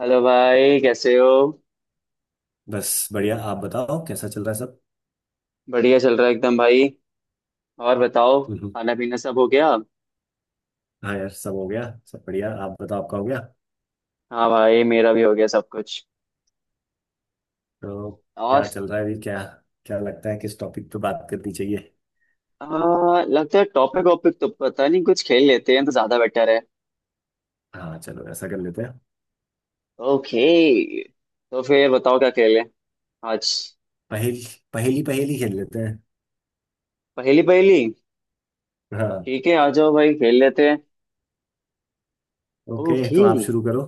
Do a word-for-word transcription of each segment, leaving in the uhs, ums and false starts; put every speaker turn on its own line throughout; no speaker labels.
Hello भाई, कैसे हो।
बस बढ़िया। आप बताओ कैसा चल रहा है सब।
बढ़िया चल रहा है एकदम भाई। और बताओ,
हम्म,
खाना पीना सब हो गया।
हाँ यार सब हो गया। सब बढ़िया। आप बताओ आपका हो गया?
हाँ भाई, मेरा भी हो गया सब कुछ।
तो क्या
और
चल रहा है अभी? क्या क्या लगता है किस टॉपिक पे बात करनी चाहिए?
आ, लगता है टॉपिक वॉपिक तो पता नहीं, कुछ खेल लेते हैं तो ज्यादा बेटर है।
हाँ, चलो ऐसा कर लेते हैं।
ओके, तो फिर बताओ क्या खेलें आज।
पहेली। पहेली पहेली खेल लेते हैं।
पहली पहली।
हाँ।
ठीक है, आ जाओ भाई खेल लेते हैं।
ओके
ओके,
तो आप शुरू करो।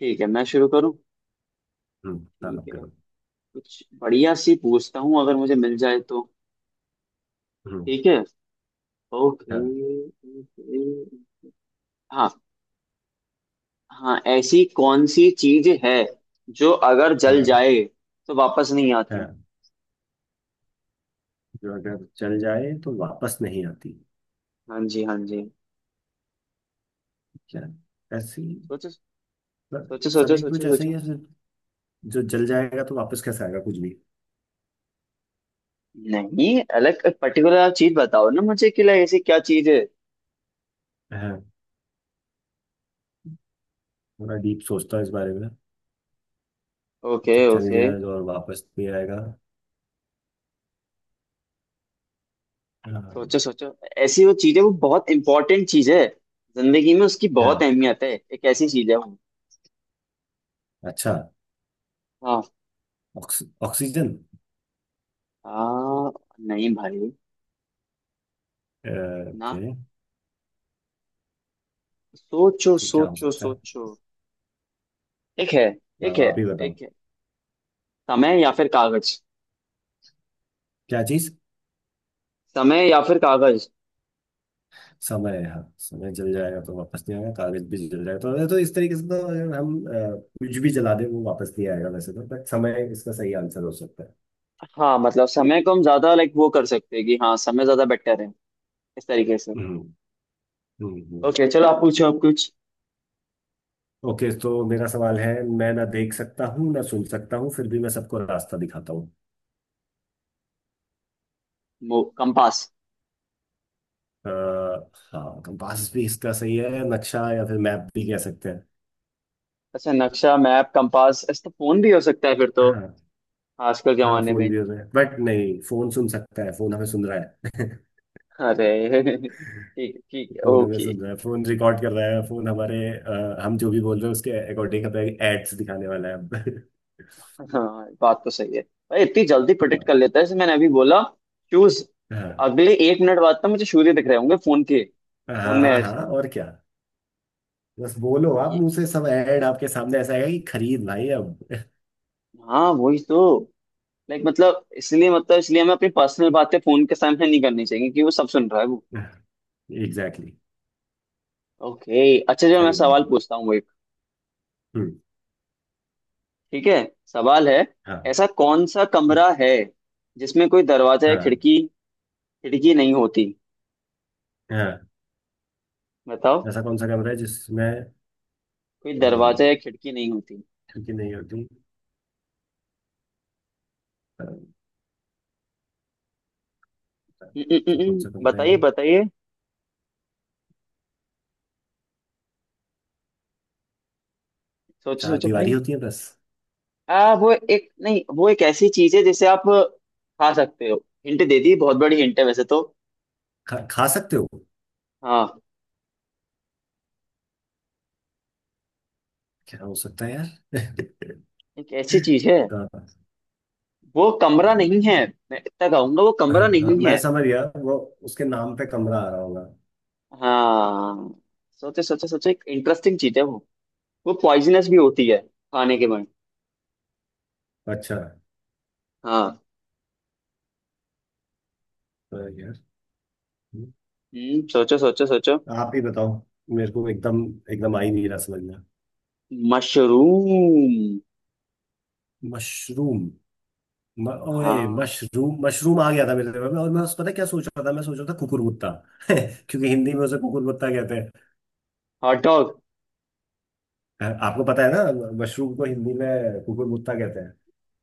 ठीक है मैं शुरू करूँ।
हम्म, हाँ
ठीक
आप
है,
करो।
कुछ बढ़िया सी पूछता हूँ, अगर मुझे मिल जाए तो।
हम्म,
ठीक है। ओके।
हाँ।
ओके। हाँ। हाँ, ऐसी कौन सी चीज है जो अगर जल
हाँ।
जाए तो वापस नहीं आती।
हाँ, जो अगर चल जाए तो वापस नहीं आती?
हाँ जी, हाँ जी।
क्या? ऐसी।
सोचो
मतलब
सोचो सोचो
सभी
सोचो
कुछ ऐसा ही
सोचो।
है सिर्फ। जो जल जाएगा तो वापस कैसे आएगा कुछ भी?
नहीं, अलग पर्टिकुलर चीज बताओ ना मुझे कि like ऐसी क्या चीज है।
हाँ, थोड़ा डीप सोचता हूँ इस बारे में। जो
ओके
चल
ओके।
गया है और वापस भी आएगा।
सोचो
अम,
सोचो। ऐसी वो चीज है, वो बहुत इंपॉर्टेंट चीज है, जिंदगी में उसकी बहुत
है?
अहमियत है, एक ऐसी चीज है वो।
अच्छा।
हाँ
ऑक्स, ऑक्सीजन।
हाँ। नहीं भाई। ना।
ओके
सोचो
तो क्या हो
सोचो
सकता है?
सोचो। एक है। एक
अब
है।
आप ही बताओ।
एक है। समय या फिर कागज।
क्या चीज?
समय या फिर कागज।
समय है। हाँ समय जल जाएगा तो वापस नहीं आएगा। कागज भी जल जाएगा तो, तो इस तरीके से। तो अगर हम अ, कुछ भी जला दें वो वापस नहीं आएगा वैसे तो। बट समय इसका सही आंसर हो सकता है।
हाँ, मतलब समय को हम ज्यादा लाइक वो कर सकते हैं कि हाँ समय ज्यादा बेटर है इस तरीके से।
हम्म। हम्म, हम्म।
ओके चलो, आप पूछो आप कुछ।
ओके तो मेरा सवाल है। मैं ना देख सकता हूँ ना सुन सकता हूँ फिर भी मैं सबको रास्ता दिखाता हूँ।
मो- कंपास।
अ, हाँ, कंपास भी इसका सही है। नक्शा या फिर मैप भी कह सकते हैं।
अच्छा, नक्शा मैप कंपास, ऐसा तो फोन भी हो सकता है फिर तो,
हाँ।
आजकल के
हाँ,
जमाने
फोन
में।
भी हो रहा है बट नहीं। फोन सुन सकता है। फोन हमें सुन रहा है।
अरे ठीक ठीक है,
फोन हमें
ओके।
सुन रहा है। फोन रिकॉर्ड कर रहा है। फोन हमारे अ, हम जो भी बोल रहे हैं उसके अकॉर्डिंग हमें एड्स दिखाने वाला है अब।
हाँ बात तो सही है। भाई इतनी जल्दी प्रोटेक्ट कर लेता है, जैसे मैंने अभी बोला शूज,
हाँ,
अगले एक मिनट बाद तो मुझे सूर्य दिख रहे होंगे फोन के, फोन में
हाँ।
एड्स
हाँ
में।
और क्या? बस बोलो आप
ये।
मुंह से। सब ऐड आपके सामने ऐसा आएगा कि खरीद भाई अब।
हाँ वही तो। लाइक मतलब इसलिए, मतलब इसलिए हमें अपनी पर्सनल बातें फोन के सामने नहीं करनी चाहिए, क्योंकि वो सब सुन रहा है वो।
Exactly, exactly।
ओके, अच्छा जो मैं
सही बात
सवाल
है।
पूछता हूँ वो एक,
हम्म।
ठीक है, सवाल है।
हाँ।
ऐसा कौन सा
हम्म,
कमरा है जिसमें कोई दरवाजा या
हाँ।
खिड़की खिड़की नहीं होती,
हाँ,
बताओ।
ऐसा कौन सा कैमरा है जिसमें
कोई दरवाजा या खिड़की नहीं होती।
हल्की नहीं होती? पर
हम्म, हम्म, हम्म,
सब कम से
हम्म,
कम
बताइए
रहेगा।
बताइए। सोचो
चार
सोचो
दीवारी
भाई।
होती है बस।
आ वो एक, नहीं वो एक ऐसी चीज है जिसे आप खा सकते हो। हिंट दे दी, बहुत बड़ी हिंट है वैसे तो।
खा, खा सकते हो?
हाँ।
क्या हो सकता है यार?
एक ऐसी चीज है,
हाँ,
वो कमरा
हाँ,
नहीं है। मैं इतना कहूंगा वो
हाँ,
कमरा
हाँ,
नहीं
मैं
है।
समझ गया। वो उसके नाम पे कमरा आ रहा होगा।
हाँ। सोचे सोचे सोचे, एक इंटरेस्टिंग चीज है वो वो पॉइजनस भी होती है खाने के बाद।
अच्छा।
हाँ।
तो यार। हम्म,
हम्म सोचो सोचो सोचो।
आप ही बताओ। मेरे को एकदम एकदम आ ही नहीं रहा समझ में।
मशरूम।
मशरूम। म, ओए
हाँ,
मशरूम मशरूम आ गया था मेरे दिमाग में। और मैं उस पता है क्या सोच रहा था? मैं सोच रहा था कुकुरमुत्ता। क्योंकि हिंदी में उसे कुकुरमुत्ता कहते।
Hot dog.
आपको पता है ना मशरूम को हिंदी में कुकुरमुत्ता कहते हैं?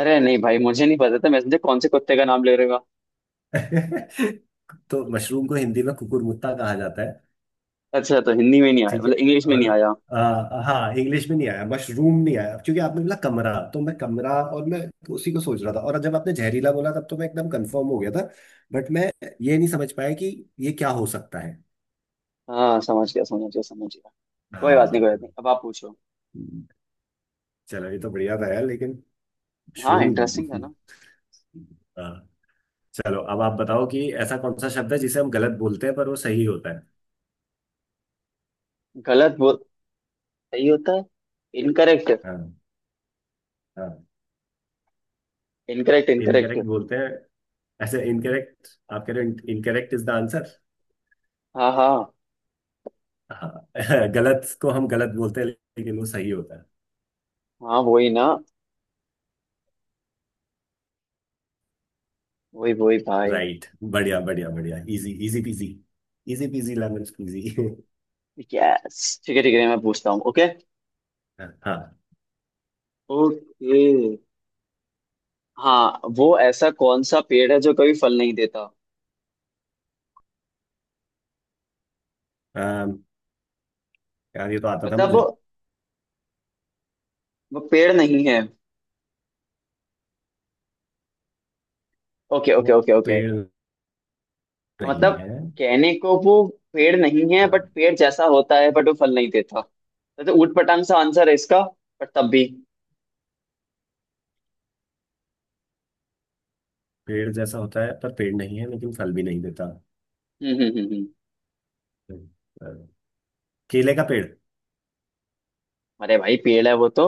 अरे नहीं भाई, मुझे नहीं पता था, मैं समझे कौन से कुत्ते का नाम ले रहेगा।
तो मशरूम को हिंदी में कुकुरमुत्ता कहा जाता है।
अच्छा, तो हिंदी में नहीं आया,
ठीक है।
मतलब इंग्लिश में
और
नहीं आया।
आ, हाँ, इंग्लिश में नहीं आया। मशरूम नहीं आया क्योंकि आपने बोला कमरा। तो मैं कमरा और मैं उसी को सोच रहा था। और जब आपने जहरीला बोला तब तो मैं एकदम कंफर्म हो गया था। बट मैं ये नहीं समझ पाया कि ये क्या हो सकता है।
हाँ समझ गया समझ गया समझ गया। कोई बात
हाँ।
नहीं, कोई बात नहीं, अब आप पूछो।
चलो ये तो बढ़िया था यार, लेकिन
हाँ, इंटरेस्टिंग था
मशरूम।
ना।
हाँ। चलो अब आप बताओ कि ऐसा कौन सा शब्द है जिसे हम गलत बोलते हैं पर वो सही होता है?
गलत बोल सही होता है, इनकरेक्ट।
हाँ, हाँ,
इनकरेक्ट
इनकरेक्ट
इनकरेक्ट।
बोलते हैं। ऐसे इनकरेक्ट? आप कह रहे हो इनकरेक्ट इज द आंसर?
हाँ हाँ।
हाँ। गलत को हम गलत बोलते हैं लेकिन वो सही होता है।
हाँ वही ना, वही वही भाई।
राइट, बढ़िया बढ़िया बढ़िया। Easy easy peasy. Easy peasy lemon squeezy.
Yes ठीक है ठीक है, मैं पूछता हूँ। ओके।
हाँ।
ओके। हाँ, वो ऐसा कौन सा पेड़ है जो कभी फल नहीं देता।
अम, यार ये तो आता था
मतलब
मुझे।
वो वो पेड़ नहीं है। ओके
वो
ओके ओके ओके।
पेड़
मतलब
नहीं है।
कहने को वो पेड़ नहीं है,
हाँ,
बट पेड़ जैसा होता है, बट वो फल नहीं देता, तो तो ऊट पटांग सा आंसर है इसका, बट तब भी।
पेड़ जैसा होता है पर पेड़ नहीं है लेकिन फल भी नहीं देता।
हम्म हम्म हम्म हम्म।
अ, केले का पेड़।
अरे भाई पेड़ है वो तो।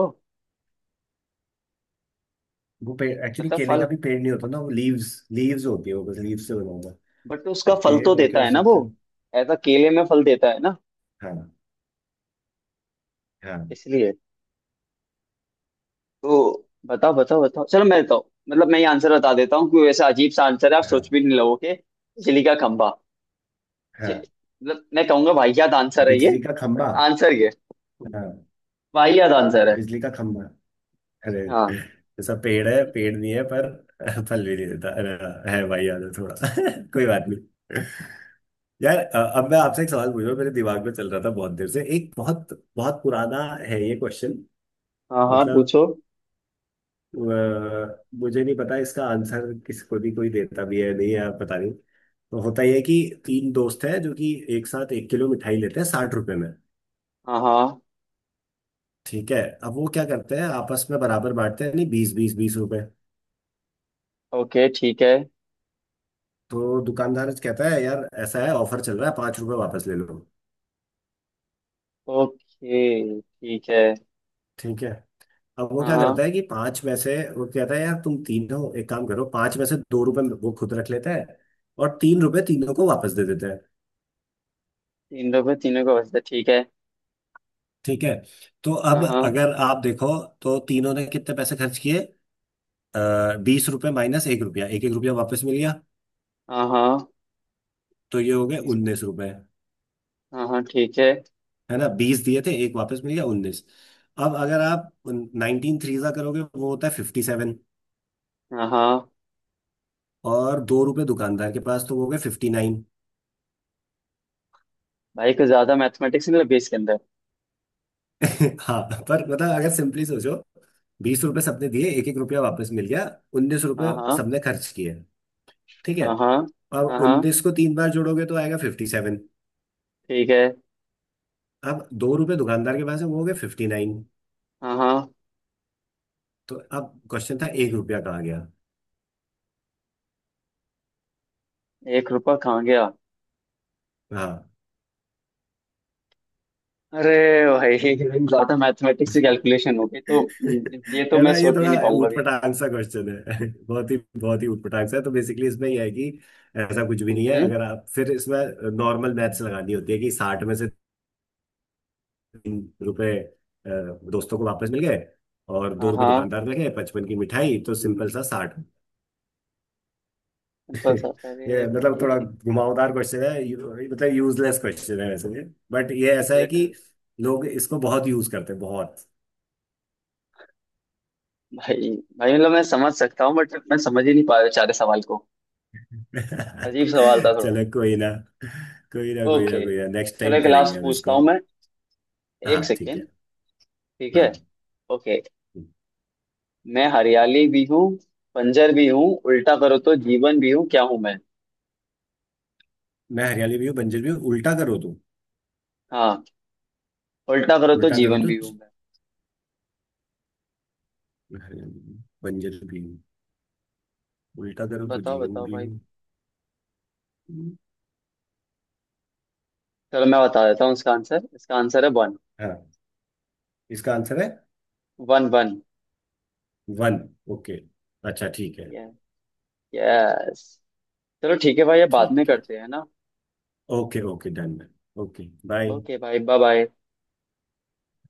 वो पेड़ एक्चुअली
मतलब
केले का
फल,
भी पेड़ नहीं होता ना। वो लीव्स लीव्स होती है। वो बस लीव से बना होता है।
बट उसका फल
ओके
तो
और क्या
देता
हो
है ना वो।
सकता है?
ऐसा केले में फल देता है ना,
हाँ। हाँ,
इसलिए। तो बताओ बताओ बताओ, चलो मैं बताओ, मतलब मैं ये आंसर बता देता हूँ, क्योंकि वैसा अजीब सा आंसर है आप सोच
हाँ,
भी नहीं लोगे, बिजली का खंभा। जे-
हाँ,
मतलब मैं कहूंगा वाहियात आंसर है ये,
बिजली का
बट
खंबा।
आंसर ये
हाँ,
वाहियात आंसर है।
बिजली का खंबा। अरे
हाँ
जैसा पेड़ है, पेड़ नहीं है पर फल भी नहीं देता। अरे हाँ, है भाई, याद है थोड़ा। कोई बात नहीं। यार, अ, अब मैं आपसे एक सवाल पूछ रहा हूँ। मेरे दिमाग में चल रहा था बहुत देर से। एक बहुत बहुत पुराना है ये क्वेश्चन।
हाँ, हाँ
मतलब
पूछो।
अ, मुझे नहीं पता इसका आंसर किसको भी। कोई देता भी है नहीं यार, पता नहीं। तो होता यह है कि तीन दोस्त हैं जो कि एक साथ एक किलो मिठाई लेते हैं साठ रुपए में।
हाँ हाँ।
ठीक है। अब वो क्या करते हैं? आपस में बराबर बांटते हैं। नहीं, बीस बीस बीस रुपए।
ओके ठीक है।
तो दुकानदार कहता है यार ऐसा है, ऑफर चल रहा है, पांच रुपए वापस ले लो।
ओके ठीक है।
ठीक है। अब वो
हाँ
क्या
हाँ।
करता है कि पांच में से, वो कहता है यार तुम तीन हो एक काम करो, पांच में से दो रुपए वो खुद रख लेता है। और तीन रुपए तीनों को वापस दे देता है।
तीन लोग हैं, तीनों का बचता है, ठीक है।
ठीक है। तो अब
हाँ हाँ।
अगर आप देखो तो तीनों ने कितने पैसे खर्च किए? बीस रुपए माइनस एक रुपया, एक एक रुपया वापस मिल गया।
हाँ हाँ।
तो ये हो गए
तीसरा-
उन्नीस रुपए।
हाँ हाँ ठीक है।
है ना? बीस दिए थे, एक वापस मिल गया, उन्नीस। अब अगर आप नाइनटीन थ्रीजा करोगे वो होता है फिफ्टी सेवन।
हाँ हाँ।
और दो रुपए दुकानदार के पास, तो वो हो गए फिफ्टी नाइन।
भाई कुछ ज्यादा मैथमेटिक्स नहीं लगे इसके अंदर।
हाँ। पर मतलब अगर सिंपली सोचो, बीस रुपए सबने दिए, एक एक रुपया वापस मिल गया, उन्नीस
हाँ
रुपए
हाँ।
सबने खर्च किए। ठीक है।
हाँ हाँ।
और
हाँ हाँ
उन्नीस को तीन बार जोड़ोगे तो आएगा फिफ्टी सेवन।
ठीक है।
अब दो रुपए दुकानदार के पास है, वो हो गए फिफ्टी नाइन।
हाँ हाँ।
तो अब क्वेश्चन था एक रुपया कहाँ गया?
एक रुपया कहाँ गया।
हाँ।
अरे भाई ज्यादा मैथमेटिक्स से कैलकुलेशन हो गई तो, ये तो
है
मैं
ना ये
सोच भी
थोड़ा
नहीं पाऊंगा अभी।
ऊटपटांग सा क्वेश्चन है। बहुत ही बहुत ही ऊटपटांग सा है। तो बेसिकली इसमें यह है कि ऐसा कुछ भी नहीं है।
हम्म
अगर आप फिर इसमें नॉर्मल मैथ्स लगानी होती है कि साठ में से तीन रुपए अ, दोस्तों को वापस मिल गए। और दो
हाँ
रुपए
हाँ।
दुकानदार ने गए, पचपन की मिठाई तो सिंपल सा साठ।
बस अरे
ये मतलब थोड़ा
भाई।
घुमावदार क्वेश्चन है। यू- मतलब यूजलेस क्वेश्चन है वैसे। बट ये But ये ऐसा है कि
लिटरल।
लोग इसको बहुत यूज करते हैं बहुत।
भाई, भाई मतलब मैं समझ सकता हूँ, बट मैं समझ ही नहीं पा रहा सारे सवाल को। अजीब सवाल था थोड़ा।
चलो, कोई ना, कोई ना, कोई ना,
ओके,
कोई ना, नेक्स्ट
चलो
टाइम
एक
करेंगे
लास्ट
हम
पूछता
इसको।
हूँ मैं।
हाँ,
एक
ठीक है।
सेकेंड। ठीक है।
हाँ,
ओके। मैं हरियाली भी हूँ, बंजर भी हूँ, उल्टा करो तो जीवन भी हूँ, क्या हूँ मैं।
मैं हरियाणवी भी हूँ, बंजर भी हूँ, उल्टा करो तो।
हाँ, उल्टा करो तो
उल्टा करो
जीवन
तो
भी
जी-
हूँ।
मैं हरियाणवी भी हूँ, बंजर भी हूँ, उल्टा करो तो
बताओ
जीवन
बताओ
भी
भाई।
हूँ।
चलो मैं बता देता हूँ इसका आंसर, इसका आंसर है वन।
हाँ, इसका आंसर है
वन वन।
वन। ओके, अच्छा, ठीक है।
यस। चलो ठीक है भाई, ये बाद में
ठीक है।
करते हैं ना।
Okay okay done. Okay, bye.
Okay भाई, बाय बाय।